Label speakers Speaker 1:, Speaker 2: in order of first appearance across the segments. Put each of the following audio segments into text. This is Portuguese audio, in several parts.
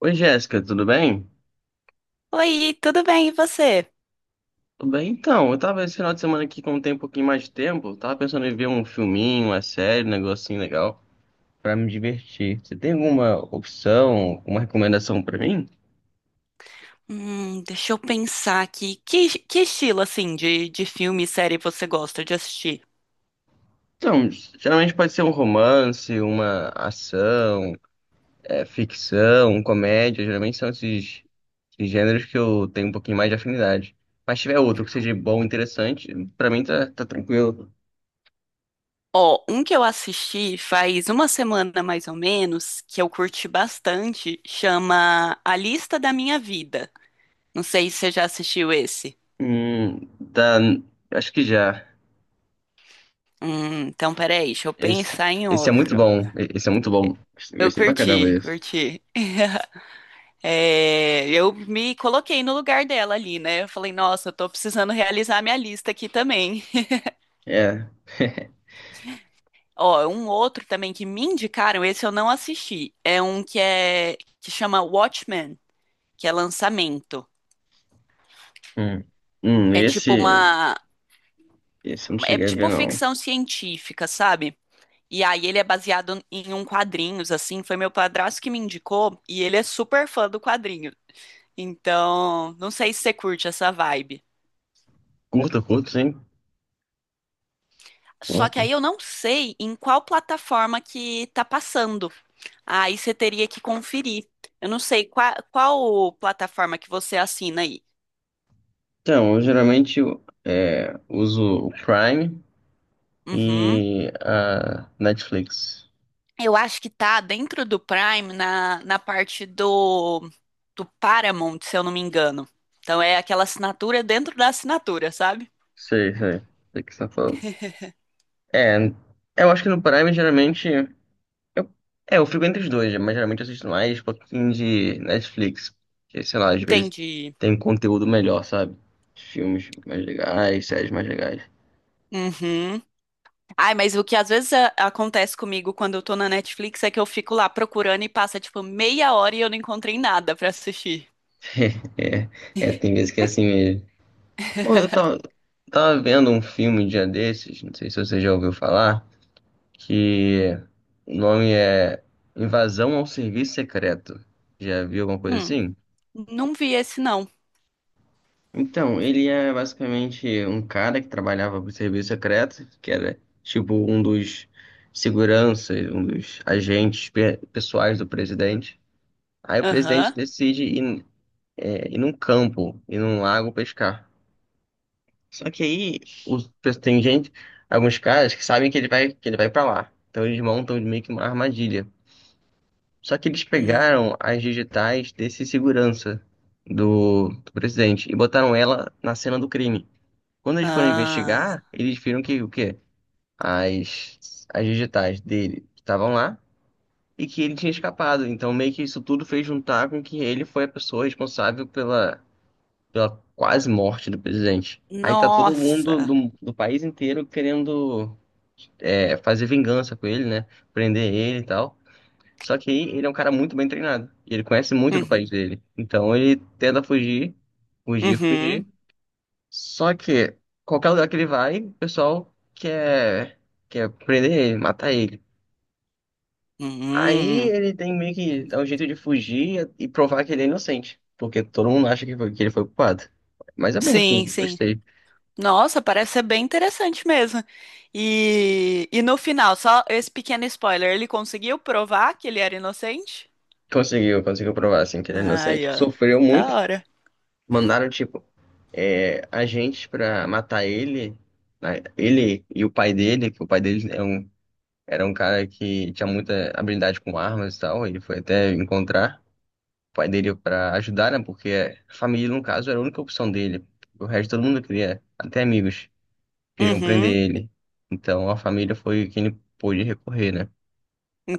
Speaker 1: Oi, Jéssica, tudo bem?
Speaker 2: Oi, tudo bem, e você?
Speaker 1: Tudo bem, então. Eu tava esse final de semana aqui com um tempo, um pouquinho mais de tempo. Tava pensando em ver um filminho, uma série, um negocinho legal pra me divertir. Você tem alguma opção, uma recomendação pra mim?
Speaker 2: Deixa eu pensar aqui. Que estilo, assim, de filme e série você gosta de assistir?
Speaker 1: Então, geralmente pode ser um romance, uma ação, ficção, um comédia. Geralmente são esses gêneros que eu tenho um pouquinho mais de afinidade. Mas se tiver outro que seja bom, interessante, pra mim tá tranquilo.
Speaker 2: Ó, um que eu assisti faz uma semana mais ou menos, que eu curti bastante, chama A Lista da Minha Vida. Não sei se você já assistiu esse.
Speaker 1: Hum, tá, acho que já.
Speaker 2: Então peraí, deixa eu
Speaker 1: Esse,
Speaker 2: pensar em
Speaker 1: esse é muito
Speaker 2: outro.
Speaker 1: bom. Esse é muito bom. Eu
Speaker 2: Eu
Speaker 1: gostei pra caramba
Speaker 2: curti,
Speaker 1: desse.
Speaker 2: curti. É, eu me coloquei no lugar dela ali, né? Eu falei, nossa, eu tô precisando realizar minha lista aqui também.
Speaker 1: É.
Speaker 2: Ó, um outro também que me indicaram, esse eu não assisti. É um que é que chama Watchmen, que é lançamento.
Speaker 1: Hum.
Speaker 2: É tipo
Speaker 1: Esse.
Speaker 2: uma
Speaker 1: Esse eu não
Speaker 2: É
Speaker 1: cheguei a ver,
Speaker 2: tipo
Speaker 1: não.
Speaker 2: ficção científica, sabe? E aí ele é baseado em um quadrinhos assim, foi meu padrasto que me indicou e ele é super fã do quadrinho. Então, não sei se você curte essa vibe.
Speaker 1: Curto, curto, sim.
Speaker 2: Só que
Speaker 1: Curto.
Speaker 2: aí eu não sei em qual plataforma que tá passando. Aí você teria que conferir. Eu não sei qual plataforma que você assina aí.
Speaker 1: Então, eu geralmente uso o Prime
Speaker 2: Uhum.
Speaker 1: e a Netflix.
Speaker 2: Eu acho que tá dentro do Prime, na parte do, do Paramount, se eu não me engano. Então é aquela assinatura dentro da assinatura, sabe?
Speaker 1: Sei, sei. Sei o que você tá falando. É, eu acho que no Prime geralmente. Eu, eu fico entre os dois, mas geralmente eu assisto mais um pouquinho de Netflix. Que, sei lá, às vezes
Speaker 2: Entendi.
Speaker 1: tem conteúdo melhor, sabe? Filmes mais legais, séries mais legais.
Speaker 2: Uhum. Ai, mas o que às vezes acontece comigo quando eu tô na Netflix é que eu fico lá procurando e passa tipo meia hora e eu não encontrei nada pra assistir.
Speaker 1: É, tem vezes que é assim mesmo. Pô, tava vendo um filme um dia desses, não sei se você já ouviu falar, que o nome é Invasão ao Serviço Secreto. Já viu alguma coisa
Speaker 2: Hum,
Speaker 1: assim?
Speaker 2: não vi esse não.
Speaker 1: Então, ele é basicamente um cara que trabalhava pro serviço secreto, que era tipo um dos seguranças, um dos agentes pessoais do presidente. Aí o presidente
Speaker 2: Aham.
Speaker 1: decide ir num campo, ir num lago pescar. Só que aí os, tem gente, alguns caras que sabem que ele vai para lá. Então eles montam meio que uma armadilha. Só que eles
Speaker 2: Hum.
Speaker 1: pegaram as digitais desse segurança do presidente e botaram ela na cena do crime. Quando eles foram
Speaker 2: Ah.
Speaker 1: investigar, eles viram que o quê? As digitais dele estavam lá e que ele tinha escapado. Então, meio que isso tudo fez juntar com que ele foi a pessoa responsável pela quase morte do presidente. Aí tá todo mundo
Speaker 2: Nossa.
Speaker 1: do país inteiro querendo fazer vingança com ele, né? Prender ele e tal. Só que aí ele é um cara muito bem treinado. E ele conhece muito do país
Speaker 2: Uhum.
Speaker 1: dele. Então ele tenta
Speaker 2: Uhum.
Speaker 1: fugir. Só que qualquer lugar que ele vai, quer prender ele, matar ele. Aí
Speaker 2: Uhum.
Speaker 1: ele tem meio que dar um jeito de fugir e provar que ele é inocente, porque todo mundo acha que ele foi culpado. Mas é bom,
Speaker 2: Sim,
Speaker 1: assim,
Speaker 2: sim.
Speaker 1: gostei.
Speaker 2: Nossa, parece ser bem interessante mesmo. E no final, só esse pequeno spoiler, ele conseguiu provar que ele era inocente?
Speaker 1: Conseguiu, conseguiu provar assim que ele é
Speaker 2: Ai,
Speaker 1: inocente.
Speaker 2: ó,
Speaker 1: Sofreu
Speaker 2: da
Speaker 1: muito,
Speaker 2: hora.
Speaker 1: mandaram agentes pra matar ele, né? Ele e o pai dele, que o pai dele é um, era um cara que tinha muita habilidade com armas e tal, ele foi até encontrar. Pai dele para ajudar, né? Porque a família, no caso, era a única opção dele. O resto todo mundo queria, até amigos, queriam prender
Speaker 2: Uhum,
Speaker 1: ele. Então a família foi quem ele pôde recorrer, né?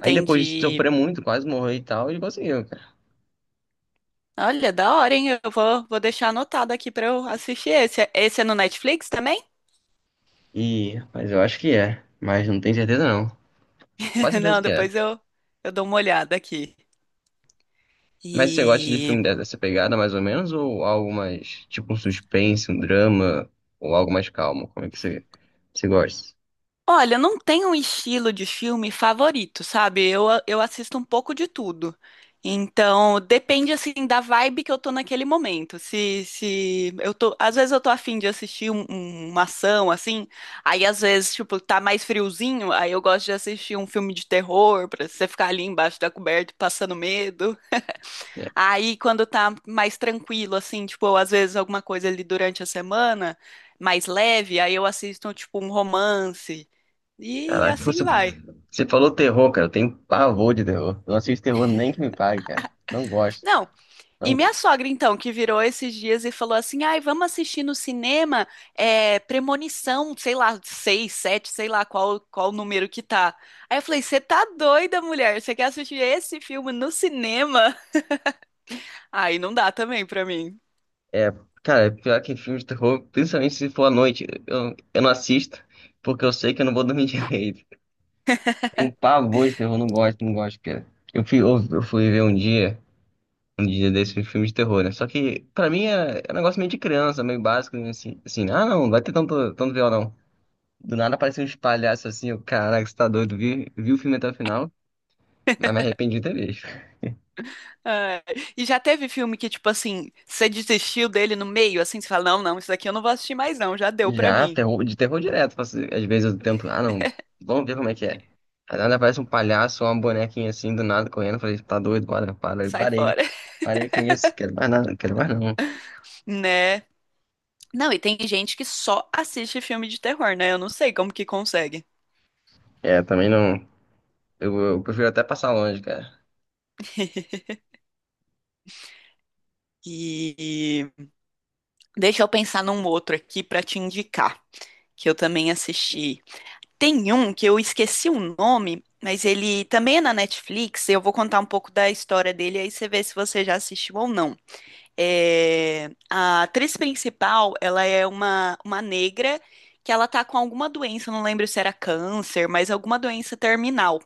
Speaker 1: Aí depois de sofrer muito, quase morrer e tal, ele conseguiu, cara.
Speaker 2: Olha, da hora, hein? Eu vou, vou deixar anotado aqui pra eu assistir esse. Esse é no Netflix também?
Speaker 1: E, mas eu acho que é. Mas não tenho certeza não. Quase certeza
Speaker 2: Não,
Speaker 1: que é.
Speaker 2: depois eu dou uma olhada aqui.
Speaker 1: Mas você gosta de
Speaker 2: E
Speaker 1: filme dessa pegada, mais ou menos, ou algo mais, tipo um suspense, um drama, ou algo mais calmo? Como é que você gosta?
Speaker 2: olha, não tem um estilo de filme favorito, sabe? Eu assisto um pouco de tudo. Então, depende, assim, da vibe que eu tô naquele momento. Se eu tô... Às vezes eu tô afim de assistir uma ação, assim. Aí, às vezes, tipo, tá mais friozinho. Aí eu gosto de assistir um filme de terror, pra você ficar ali embaixo da coberta passando medo. Aí, quando tá mais tranquilo, assim, tipo, às vezes alguma coisa ali durante a semana, mais leve. Aí eu assisto, tipo, um romance. E
Speaker 1: Caraca,
Speaker 2: assim vai.
Speaker 1: você falou terror, cara. Eu tenho pavor de terror. Eu não assisto terror nem que me pague, cara. Não gosto.
Speaker 2: Não,
Speaker 1: Não...
Speaker 2: e
Speaker 1: go-
Speaker 2: minha sogra, então, que virou esses dias e falou assim: ai, vamos assistir no cinema é, Premonição, sei lá, seis, sete, sei lá qual número que tá. Aí eu falei: você tá doida, mulher? Você quer assistir esse filme no cinema? Aí não dá também pra mim.
Speaker 1: É, cara, é pior que filme de terror, principalmente se for à noite. Eu não assisto, porque eu sei que eu não vou dormir direito. Tenho pavor de terror, não gosto, não gosto, cara. Eu fui ver um dia desse um filme de terror, né? Só que, pra mim, é um negócio meio de criança, meio básico, né? Assim, assim, ah, não vai ter tanto viol, não. Do nada apareceu uns palhaços assim, eu, caraca, você tá doido, vi o filme até o final, mas me arrependi de ter visto.
Speaker 2: Ai, e já teve filme que, tipo assim, você desistiu dele no meio, assim, você fala: não, não, isso daqui eu não vou assistir mais, não, já deu pra
Speaker 1: Já,
Speaker 2: mim.
Speaker 1: de terror direto. Às vezes eu tento, ah, não, vamos ver como é que é. Aí nada, aparece um palhaço, ou uma bonequinha assim, do nada, correndo. Eu falei, tá doido, para, para. Eu
Speaker 2: Sai
Speaker 1: parei.
Speaker 2: fora,
Speaker 1: Parei com isso, quero mais nada, quero mais não.
Speaker 2: né? Não, e tem gente que só assiste filme de terror, né? Eu não sei como que consegue.
Speaker 1: É, também não. Eu prefiro até passar longe, cara.
Speaker 2: E deixa eu pensar num outro aqui pra te indicar, que eu também assisti. Tem um que eu esqueci o nome, mas ele também é na Netflix. Eu vou contar um pouco da história dele, aí você vê se você já assistiu ou não. É, a atriz principal, ela é uma negra que ela tá com alguma doença, eu não lembro se era câncer, mas alguma doença terminal.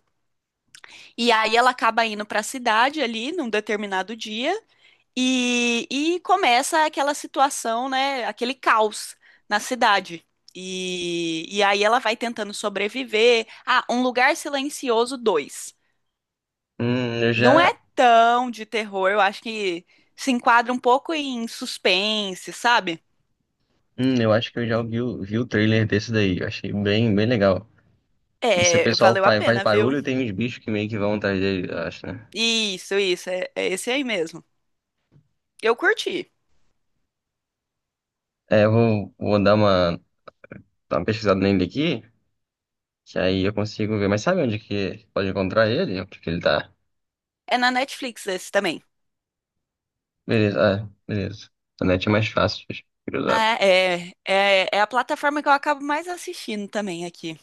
Speaker 2: E aí ela acaba indo para a cidade ali num determinado dia e começa aquela situação, né? Aquele caos na cidade. E aí ela vai tentando sobreviver. Ah, Um Lugar Silencioso dois.
Speaker 1: Eu
Speaker 2: Não é
Speaker 1: já.
Speaker 2: tão de terror, eu acho que se enquadra um pouco em suspense, sabe?
Speaker 1: Eu acho que eu já vi, vi o trailer desse daí. Eu achei bem legal. E se o
Speaker 2: É,
Speaker 1: pessoal
Speaker 2: valeu a
Speaker 1: faz
Speaker 2: pena, viu?
Speaker 1: barulho, tem uns bichos que meio que vão atrás dele, eu acho, né?
Speaker 2: Isso, é, é esse aí mesmo. Eu curti.
Speaker 1: É, eu vou, vou dar uma pesquisada nele aqui. Que aí eu consigo ver. Mas sabe onde que pode encontrar ele? Onde que ele tá?
Speaker 2: É na Netflix esse também.
Speaker 1: Beleza, ah, beleza. A net é mais fácil de cruzar.
Speaker 2: Ah, é, é, é a plataforma que eu acabo mais assistindo também aqui.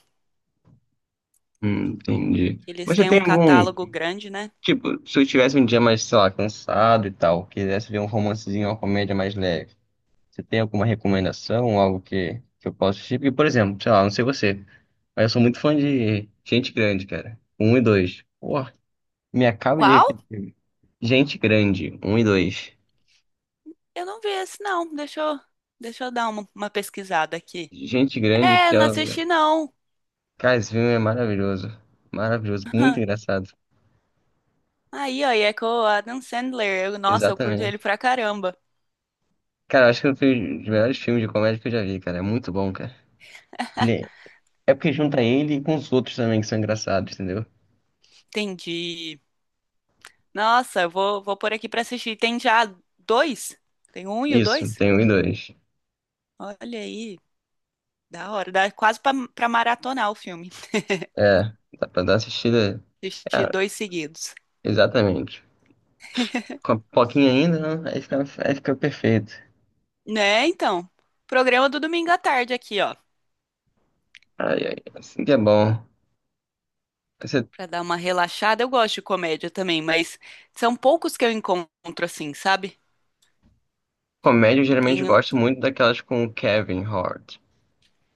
Speaker 1: Entendi.
Speaker 2: Eles
Speaker 1: Mas você
Speaker 2: têm
Speaker 1: tem
Speaker 2: um
Speaker 1: algum.
Speaker 2: catálogo grande, né?
Speaker 1: Tipo, se eu tivesse um dia mais, sei lá, cansado e tal, quisesse ver um romancezinho, uma comédia mais leve, você tem alguma recomendação, algo que eu possa assistir? Porque, por exemplo, sei lá, não sei você, mas eu sou muito fã de Gente Grande, cara. Um e dois. Pô, me acabo
Speaker 2: Qual?
Speaker 1: de. Gente Grande, um e dois.
Speaker 2: Eu não vi esse, não. Deixa eu dar uma pesquisada aqui.
Speaker 1: Gente Grande,
Speaker 2: É,
Speaker 1: que é.
Speaker 2: não assisti, não.
Speaker 1: Cara, esse filme é maravilhoso. Maravilhoso, muito engraçado.
Speaker 2: Aí, ó, e é com o Adam Sandler. Nossa, eu curto ele
Speaker 1: Exatamente.
Speaker 2: pra caramba.
Speaker 1: Cara, eu acho que foi um dos melhores filmes de comédia que eu já vi, cara. É muito bom, cara. Ele é... É porque junta ele com os outros também que são engraçados, entendeu?
Speaker 2: Entendi. Nossa, eu vou, vou pôr aqui pra assistir. Tem já dois? Tem um e o
Speaker 1: Isso,
Speaker 2: dois?
Speaker 1: tem um e dois.
Speaker 2: Olha aí, da hora. Dá quase pra maratonar o filme.
Speaker 1: É, dá pra dar assistida.
Speaker 2: Assistir
Speaker 1: É,
Speaker 2: dois seguidos.
Speaker 1: exatamente. Com a pipoquinha ainda, né? Aí fica perfeito.
Speaker 2: Né, então. Programa do domingo à tarde aqui, ó.
Speaker 1: Ai, ai, assim que é bom. Essa
Speaker 2: Pra dar uma relaxada. Eu gosto de comédia também, mas são poucos que eu encontro assim, sabe?
Speaker 1: comédia eu geralmente
Speaker 2: Tenho.
Speaker 1: gosto muito daquelas com o Kevin Hart.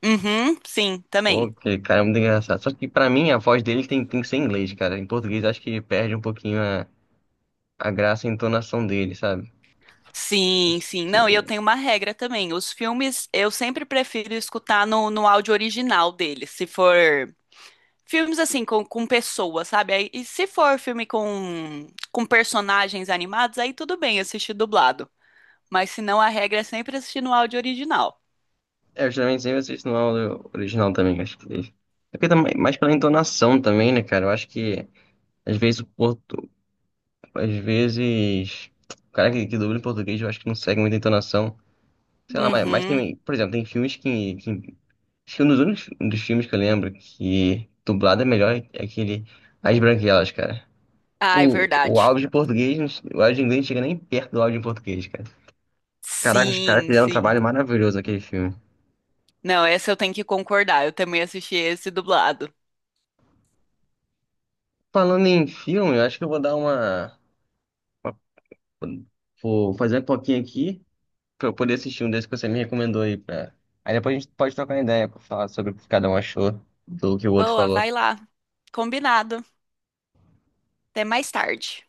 Speaker 2: Uhum, sim,
Speaker 1: Pô,
Speaker 2: também.
Speaker 1: que cara, é muito engraçado. Só que pra mim a voz dele tem que ser em inglês, cara. Em português acho que perde um pouquinho a graça e a entonação dele, sabe?
Speaker 2: Sim,
Speaker 1: Acho
Speaker 2: sim. Não, e eu
Speaker 1: que.
Speaker 2: tenho uma regra também. Os filmes eu sempre prefiro escutar no áudio original deles. Se for filmes assim, com pessoas, sabe? Aí- e se for filme com personagens animados, aí tudo bem assistir dublado. Mas se não, a regra é sempre assistir no áudio original.
Speaker 1: É, eu geralmente sempre assisto no áudio original também, acho que. É porque também, mais pela entonação também, né, cara? Eu acho que às vezes o portu... às vezes o cara que dubla em português eu acho que não segue muita entonação. Sei lá, mas
Speaker 2: Uhum.
Speaker 1: tem, por exemplo, tem filmes que... Acho que um dos únicos um dos filmes que eu lembro que dublado é melhor é aquele As Branquelas, cara.
Speaker 2: Ai,
Speaker 1: Pô,
Speaker 2: verdade.
Speaker 1: o áudio em inglês não chega nem perto do áudio em português, cara. Caraca, os caras
Speaker 2: Sim,
Speaker 1: fizeram um
Speaker 2: sim.
Speaker 1: trabalho maravilhoso naquele filme.
Speaker 2: Não, essa eu tenho que concordar. Eu também assisti esse dublado.
Speaker 1: Falando em filme, eu acho que eu vou uma- Vou fazer um pouquinho aqui pra eu poder assistir um desses que você me recomendou aí. Pra... Aí depois a gente pode trocar uma ideia pra falar sobre o que cada um achou do que o outro
Speaker 2: Boa,
Speaker 1: falou.
Speaker 2: vai lá. Combinado. Até mais tarde.